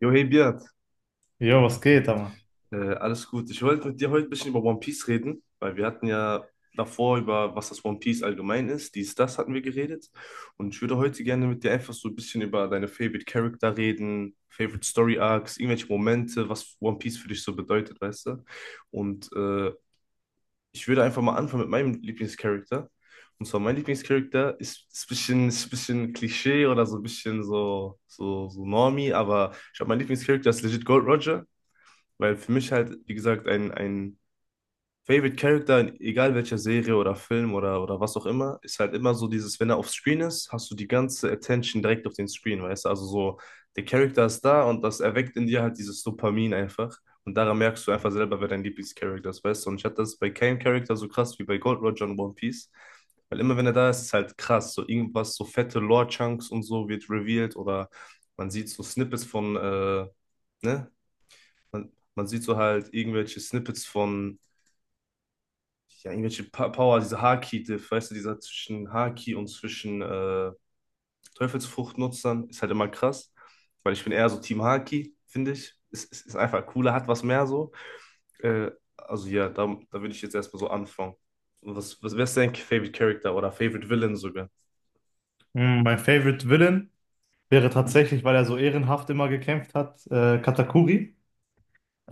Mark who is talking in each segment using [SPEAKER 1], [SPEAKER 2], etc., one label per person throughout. [SPEAKER 1] Jo, hey Beat,
[SPEAKER 2] Jo, was geht, aber?
[SPEAKER 1] alles gut. Ich wollte mit dir heute ein bisschen über One Piece reden, weil wir hatten ja davor über, was das One Piece allgemein ist, dies, das hatten wir geredet. Und ich würde heute gerne mit dir einfach so ein bisschen über deine Favorite Character reden, Favorite Story Arcs, irgendwelche Momente, was One Piece für dich so bedeutet, weißt du? Und ich würde einfach mal anfangen mit meinem Lieblingscharakter. Und zwar mein Lieblingscharakter ist ein bisschen Klischee oder so ein bisschen so Normie, aber ich habe meinen Lieblingscharakter ist legit Gold Roger. Weil für mich halt, wie gesagt, ein Favorite Character, in egal welcher Serie oder Film oder was auch immer, ist halt immer so dieses, wenn er auf Screen ist, hast du die ganze Attention direkt auf den Screen, weißt du? Also so, der Charakter ist da und das erweckt in dir halt dieses Dopamin einfach. Und daran merkst du einfach selber, wer dein Lieblingscharakter ist, weißt du? Und ich hatte das bei keinem Charakter so krass wie bei Gold Roger und One Piece. Weil immer wenn er da ist, ist halt krass. So irgendwas, so fette Lore-Chunks und so wird revealed oder man sieht so Snippets von ne, man sieht so halt irgendwelche Snippets von, ja, irgendwelche pa Power, diese Haki-Diff, weißt du, dieser zwischen Haki und zwischen Teufelsfruchtnutzern ist halt immer krass, weil ich bin eher so Team Haki, finde ich. Es ist einfach cooler, hat was mehr so. Äh, also ja, da würde ich jetzt erstmal so anfangen. Und wer ist dein Favorite Character oder Favorite Villain sogar?
[SPEAKER 2] Mein Favorite Villain wäre tatsächlich, weil er so ehrenhaft immer gekämpft hat, Katakuri.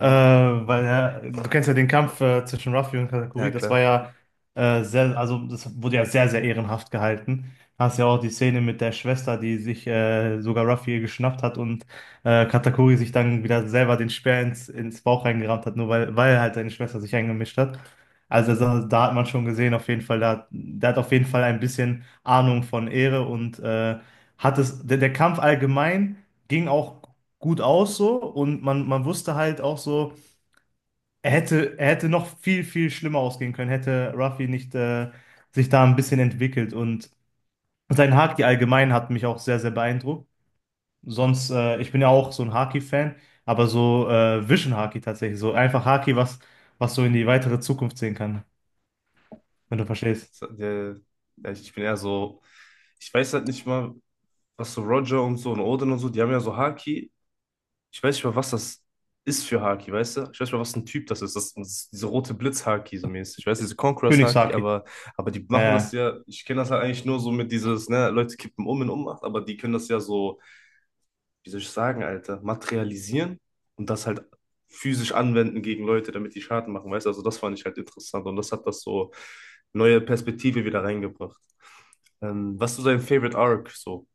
[SPEAKER 2] Weil ja, du kennst ja den Kampf zwischen Ruffy und Katakuri,
[SPEAKER 1] Ja,
[SPEAKER 2] das war
[SPEAKER 1] klar.
[SPEAKER 2] ja sehr, also das wurde ja sehr, sehr ehrenhaft gehalten. Hast ja auch die Szene mit der Schwester, die sich sogar Ruffy geschnappt hat und Katakuri sich dann wieder selber den Speer ins Bauch reingerammt hat, nur weil halt seine Schwester sich eingemischt hat. Also da hat man schon gesehen, auf jeden Fall, da, der hat auf jeden Fall ein bisschen Ahnung von Ehre. Und der Kampf allgemein ging auch gut aus so, und man wusste halt auch so, er hätte noch viel, viel schlimmer ausgehen können, hätte Ruffy nicht sich da ein bisschen entwickelt. Und sein Haki allgemein hat mich auch sehr, sehr beeindruckt. Sonst, ich bin ja auch so ein Haki-Fan, aber so Vision Haki tatsächlich, so einfach Haki, was so in die weitere Zukunft sehen kann, wenn du verstehst.
[SPEAKER 1] So. Ja, ich bin eher so, ich weiß halt nicht mal, was so Roger und so und Odin und so, die haben ja so Haki, ich weiß nicht mal, was das ist für Haki, weißt du? Ich weiß nicht mal, was ein Typ das ist. Das ist diese rote Blitz-Haki so mäßig. Ich weiß, diese Conquerors-Haki,
[SPEAKER 2] Königshaki.
[SPEAKER 1] aber die machen
[SPEAKER 2] Äh,
[SPEAKER 1] das ja. Ich kenne das halt eigentlich nur so mit dieses, ne, Leute kippen um in Ohnmacht, aber die können das ja so, wie soll ich sagen, Alter, materialisieren und das halt physisch anwenden gegen Leute, damit die Schaden machen, weißt du? Also, das fand ich halt interessant und das hat das so neue Perspektive wieder reingebracht. Was ist so dein Favorite Arc so?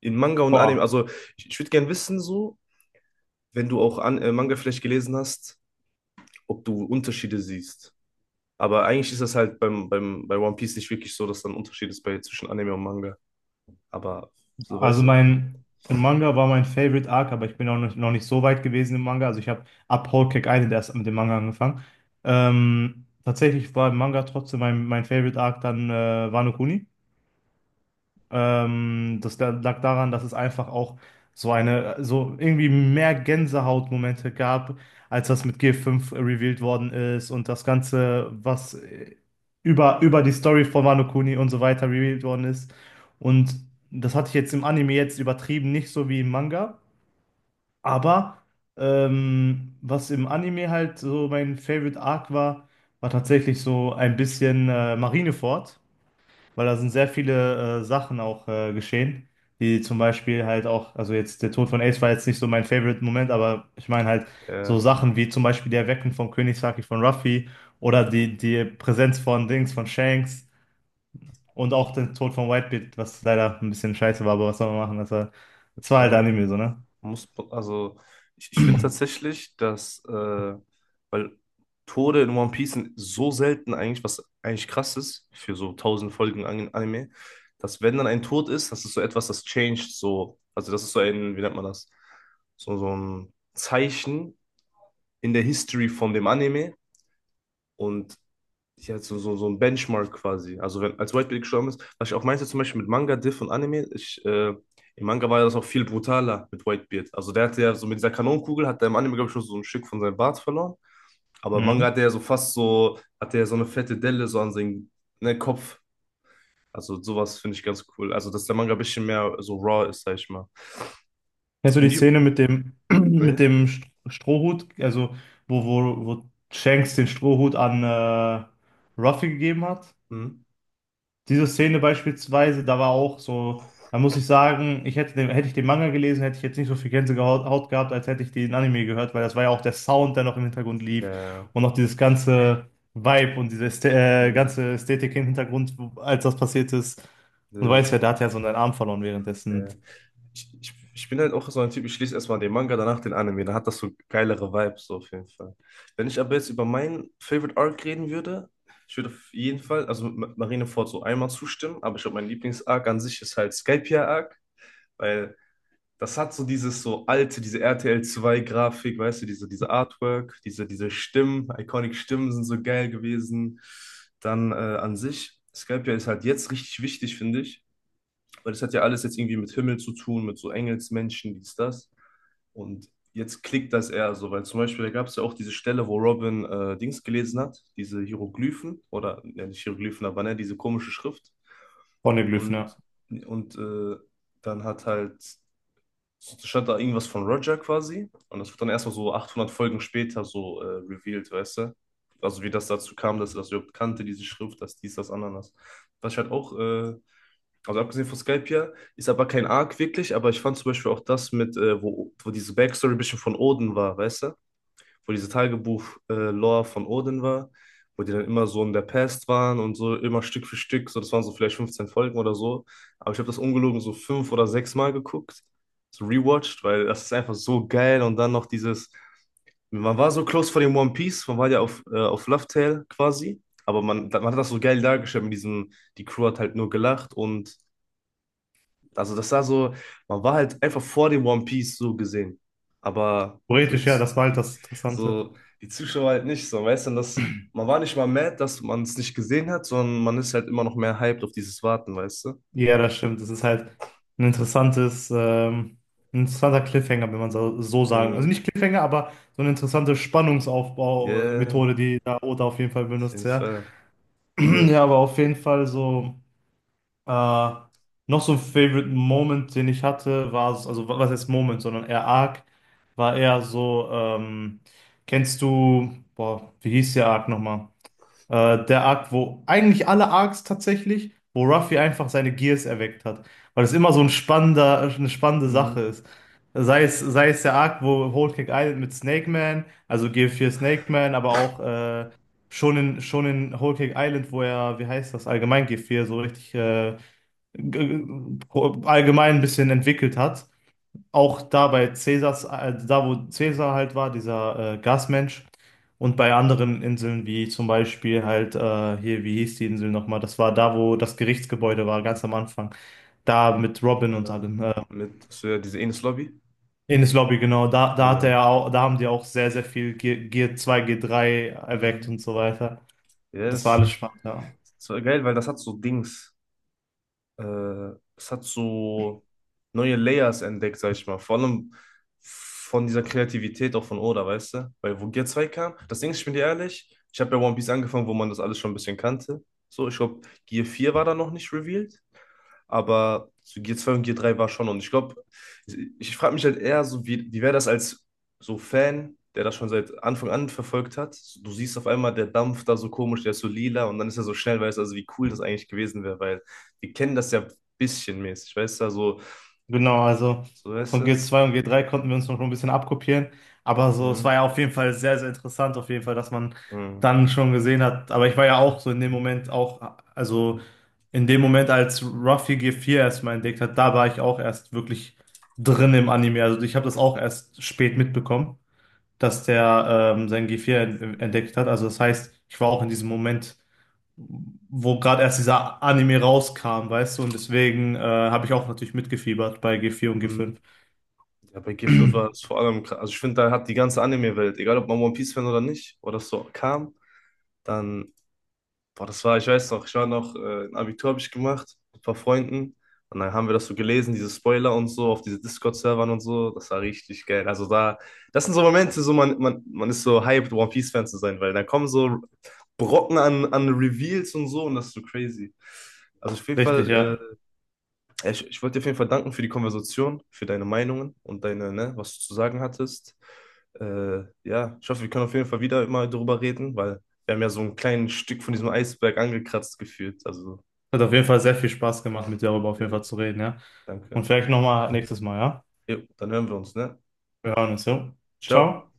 [SPEAKER 1] In Manga und Anime,
[SPEAKER 2] Boah.
[SPEAKER 1] also ich würde gerne wissen, so, wenn du auch an, Manga vielleicht gelesen hast, ob du Unterschiede siehst. Aber eigentlich ist das halt bei One Piece nicht wirklich so, dass da ein Unterschied ist bei, zwischen Anime und Manga. Aber so weißt
[SPEAKER 2] Also
[SPEAKER 1] du.
[SPEAKER 2] mein, im Manga war mein Favorite Arc, aber ich bin auch noch nicht so weit gewesen im Manga. Also ich habe ab Whole Cake Island erst mit dem Manga angefangen. Tatsächlich war im Manga trotzdem mein Favorite Arc dann Wano Kuni. Lag daran, dass es einfach auch so irgendwie mehr Gänsehautmomente gab, als das mit G5 revealed worden ist, und das Ganze, was über die Story von Wano Kuni und so weiter revealed worden ist. Und das hatte ich jetzt im Anime jetzt übertrieben, nicht so wie im Manga, aber was im Anime halt so mein Favorite Arc war, war tatsächlich so ein bisschen Marineford, weil da sind sehr viele Sachen auch geschehen, die zum Beispiel halt auch, also jetzt der Tod von Ace war jetzt nicht so mein Favorite-Moment, aber ich meine halt
[SPEAKER 1] Äh,
[SPEAKER 2] so Sachen wie zum Beispiel die Erweckung von König Saki von Ruffy oder die Präsenz von Dings, von Shanks und auch den Tod von Whitebeard, was leider ein bisschen scheiße war, aber was soll man machen, das war halt
[SPEAKER 1] äh,
[SPEAKER 2] Anime so, ne?
[SPEAKER 1] muss, also Ich finde tatsächlich, dass, weil Tode in One Piece sind so selten eigentlich, was eigentlich krass ist für so 1000 Folgen Anime, dass wenn dann ein Tod ist, das ist so etwas, das changed so, also das ist so ein, wie nennt man das? So, so ein Zeichen in der History von dem Anime und ja, so ein Benchmark quasi. Also wenn als White Bait gestorben ist, was ich auch meinte zum Beispiel mit Manga, Diff und Anime, im Manga war ja das auch viel brutaler mit Whitebeard. Also der hatte ja so mit dieser Kanonenkugel, hat er im Anime, glaube ich, schon so ein Stück von seinem Bart verloren. Aber im Manga
[SPEAKER 2] Mhm.
[SPEAKER 1] hat er ja so eine fette Delle so an seinem ne, Kopf. Also sowas finde ich ganz cool. Also dass der Manga ein bisschen mehr so raw ist, sag ich mal.
[SPEAKER 2] Kennst du
[SPEAKER 1] Wenn
[SPEAKER 2] die
[SPEAKER 1] ich...
[SPEAKER 2] Szene mit dem, mit
[SPEAKER 1] Ja?
[SPEAKER 2] dem Strohhut, also wo Shanks den Strohhut an Ruffy gegeben hat?
[SPEAKER 1] Hm?
[SPEAKER 2] Diese Szene beispielsweise, da war auch so, da muss ich sagen, hätte ich den Manga gelesen, hätte ich jetzt nicht so viel Gänsehaut Haut gehabt, als hätte ich den Anime gehört, weil das war ja auch der Sound, der noch im Hintergrund
[SPEAKER 1] Ja,
[SPEAKER 2] lief,
[SPEAKER 1] ja.
[SPEAKER 2] und noch dieses ganze Vibe und diese Ästhe
[SPEAKER 1] Hm.
[SPEAKER 2] ganze Ästhetik im Hintergrund, als das passiert ist. Und du
[SPEAKER 1] Ja.
[SPEAKER 2] weißt ja, da hat er so seinen Arm verloren währenddessen.
[SPEAKER 1] Äh, ich bin halt auch so ein Typ, ich lese erstmal den Manga, danach den Anime. Da hat das so geilere Vibes so auf jeden Fall. Wenn ich aber jetzt über meinen Favorite Arc reden würde, ich würde auf jeden Fall, also Marineford so einmal zustimmen, aber ich glaube, mein Lieblings-Arc an sich ist halt Skypiea-Arc, weil das hat so dieses so alte, diese RTL 2 Grafik, weißt du, diese Artwork, diese Stimmen, iconic Stimmen sind so geil gewesen. Dann an sich, Skypiea ist halt jetzt richtig wichtig, finde ich, weil das hat ja alles jetzt irgendwie mit Himmel zu tun, mit so Engelsmenschen, dies, das. Und jetzt klickt das eher so, weil zum Beispiel, da gab es ja auch diese Stelle, wo Robin Dings gelesen hat, diese Hieroglyphen, oder ja, nicht Hieroglyphen, aber ne, diese komische Schrift.
[SPEAKER 2] Poneglyph, ne?
[SPEAKER 1] Und, und dann hat halt, stand da irgendwas von Roger quasi. Und das wird dann erstmal so 800 Folgen später so revealed, weißt du? Also wie das dazu kam, dass er das überhaupt kannte, diese Schrift, dass dies, das, Ananas. Was ich halt auch, also abgesehen von Skype hier, ist aber kein Arc wirklich, aber ich fand zum Beispiel auch das mit, wo diese Backstory ein bisschen von Odin war, weißt du? Wo diese Tagebuch-Lore von Odin war, wo die dann immer so in der Past waren und so immer Stück für Stück, so das waren so vielleicht 15 Folgen oder so. Aber ich habe das ungelogen so fünf oder sechs Mal geguckt, so rewatcht, weil das ist einfach so geil und dann noch dieses, man war so close vor dem One Piece, man war ja auf Love Tale quasi, aber man hat das so geil dargestellt mit diesem, die Crew hat halt nur gelacht und also das war so, man war halt einfach vor dem One Piece so gesehen. Aber so
[SPEAKER 2] Theoretisch, ja, das war halt
[SPEAKER 1] die,
[SPEAKER 2] das Interessante.
[SPEAKER 1] so die Zuschauer halt nicht so, weißt du, das, man war nicht mal mad, dass man es nicht gesehen hat, sondern man ist halt immer noch mehr hyped auf dieses Warten, weißt du?
[SPEAKER 2] Ja, das stimmt. Das ist halt ein interessantes, ähm, ein interessanter Cliffhanger, wenn man so, so sagen. Also
[SPEAKER 1] Mhm.
[SPEAKER 2] nicht Cliffhanger, aber so eine interessante
[SPEAKER 1] Yeah,
[SPEAKER 2] Spannungsaufbau-Methode, die da Oda auf jeden Fall
[SPEAKER 1] auf
[SPEAKER 2] benutzt,
[SPEAKER 1] jeden
[SPEAKER 2] ja.
[SPEAKER 1] Fall. Äh,
[SPEAKER 2] Ja, aber auf jeden Fall so, äh, noch so ein Favorite Moment, den ich hatte, war, also was heißt Moment, sondern eher Arc, war eher so, kennst du, boah, wie hieß der Arc nochmal? Der Arc, wo eigentlich alle Arcs tatsächlich, wo Ruffy einfach seine Gears erweckt hat, weil es immer so ein spannender, eine spannende Sache
[SPEAKER 1] mhm.
[SPEAKER 2] ist. Sei es der Arc, wo Whole Cake Island mit Snake Man, also GF4 Snake Man, aber auch schon in Whole Cake Island, wo er, wie heißt das, allgemein GF4 so richtig g- allgemein ein bisschen entwickelt hat. Auch da bei Cäsars, da wo Cäsar halt war, dieser Gasmensch. Und bei anderen Inseln, wie zum Beispiel halt hier, wie hieß die Insel nochmal? Das war da, wo das Gerichtsgebäude war, ganz am Anfang. Da mit Robin und
[SPEAKER 1] äh,
[SPEAKER 2] allem.
[SPEAKER 1] mit so, ja, diese Enes Lobby.
[SPEAKER 2] Ines Lobby, genau. Da hat
[SPEAKER 1] Äh,
[SPEAKER 2] er auch, da haben die auch sehr, sehr viel G G2, G3 erweckt
[SPEAKER 1] mhm.
[SPEAKER 2] und so weiter. Das war
[SPEAKER 1] Yes.
[SPEAKER 2] alles spannend, ja.
[SPEAKER 1] Das war geil, weil das hat so Dings. Es hat so neue Layers entdeckt, sag ich mal. Vor allem von dieser Kreativität auch von Oda, weißt du? Weil wo Gear 2 kam, das Ding ist, ich bin dir ehrlich, ich habe bei One Piece angefangen, wo man das alles schon ein bisschen kannte. So, ich glaube, Gear 4 war da noch nicht revealed. Aber so G2 und G3 war schon. Und ich glaube, ich frage mich halt eher so, wie wäre das als so Fan, der das schon seit Anfang an verfolgt hat? Du siehst auf einmal der Dampf da so komisch, der ist so lila und dann ist er so schnell, weißt du, also wie cool das eigentlich gewesen wäre, weil wir kennen das ja bisschen mäßig, weißt du, also,
[SPEAKER 2] Genau, also
[SPEAKER 1] so weißt
[SPEAKER 2] von g
[SPEAKER 1] du.
[SPEAKER 2] zwei und G3 konnten wir uns noch schon ein bisschen abkopieren, aber so, es
[SPEAKER 1] Hm,
[SPEAKER 2] war ja auf jeden Fall sehr, sehr interessant, auf jeden Fall, dass man
[SPEAKER 1] hm,
[SPEAKER 2] dann schon gesehen hat. Aber ich war ja auch so in dem Moment auch, also in dem Moment, als Ruffy G4 erstmal entdeckt hat, da war ich auch erst wirklich drin im Anime, also ich habe das auch erst spät mitbekommen, dass der sein G4 entdeckt hat. Also das heißt, ich war auch in diesem Moment, wo gerade erst dieser Anime rauskam, weißt du, und deswegen habe ich auch natürlich mitgefiebert bei G4 und
[SPEAKER 1] hm.
[SPEAKER 2] G5.
[SPEAKER 1] Ja, bei G5 war es vor allem, also ich finde, da hat die ganze Anime-Welt, egal ob man One Piece-Fan oder nicht, oder das so kam, dann Boah, das war, ich weiß noch, ich war noch, ein Abitur habe ich gemacht mit ein paar Freunden und dann haben wir das so gelesen, diese Spoiler und so auf diese Discord-Servern und so. Das war richtig geil. Also da, das sind so Momente, so man ist so hyped, One Piece-Fan zu sein, weil da kommen so Brocken an Reveals und so und das ist so crazy. Also auf jeden
[SPEAKER 2] Richtig,
[SPEAKER 1] Fall,
[SPEAKER 2] ja.
[SPEAKER 1] ja, ich wollte dir auf jeden Fall danken für die Konversation, für deine Meinungen und deine, ne, was du zu sagen hattest. Ja, ich hoffe, wir können auf jeden Fall wieder immer darüber reden, weil wir haben ja so ein kleines Stück von diesem Eisberg angekratzt gefühlt. Also,
[SPEAKER 2] Hat auf jeden Fall sehr viel Spaß gemacht, mit dir darüber auf jeden Fall
[SPEAKER 1] äh,
[SPEAKER 2] zu reden, ja. Und
[SPEAKER 1] danke.
[SPEAKER 2] vielleicht nochmal nächstes Mal, ja?
[SPEAKER 1] Jo, dann hören wir uns, ne?
[SPEAKER 2] Wir hören uns, ja.
[SPEAKER 1] Ciao.
[SPEAKER 2] Ciao.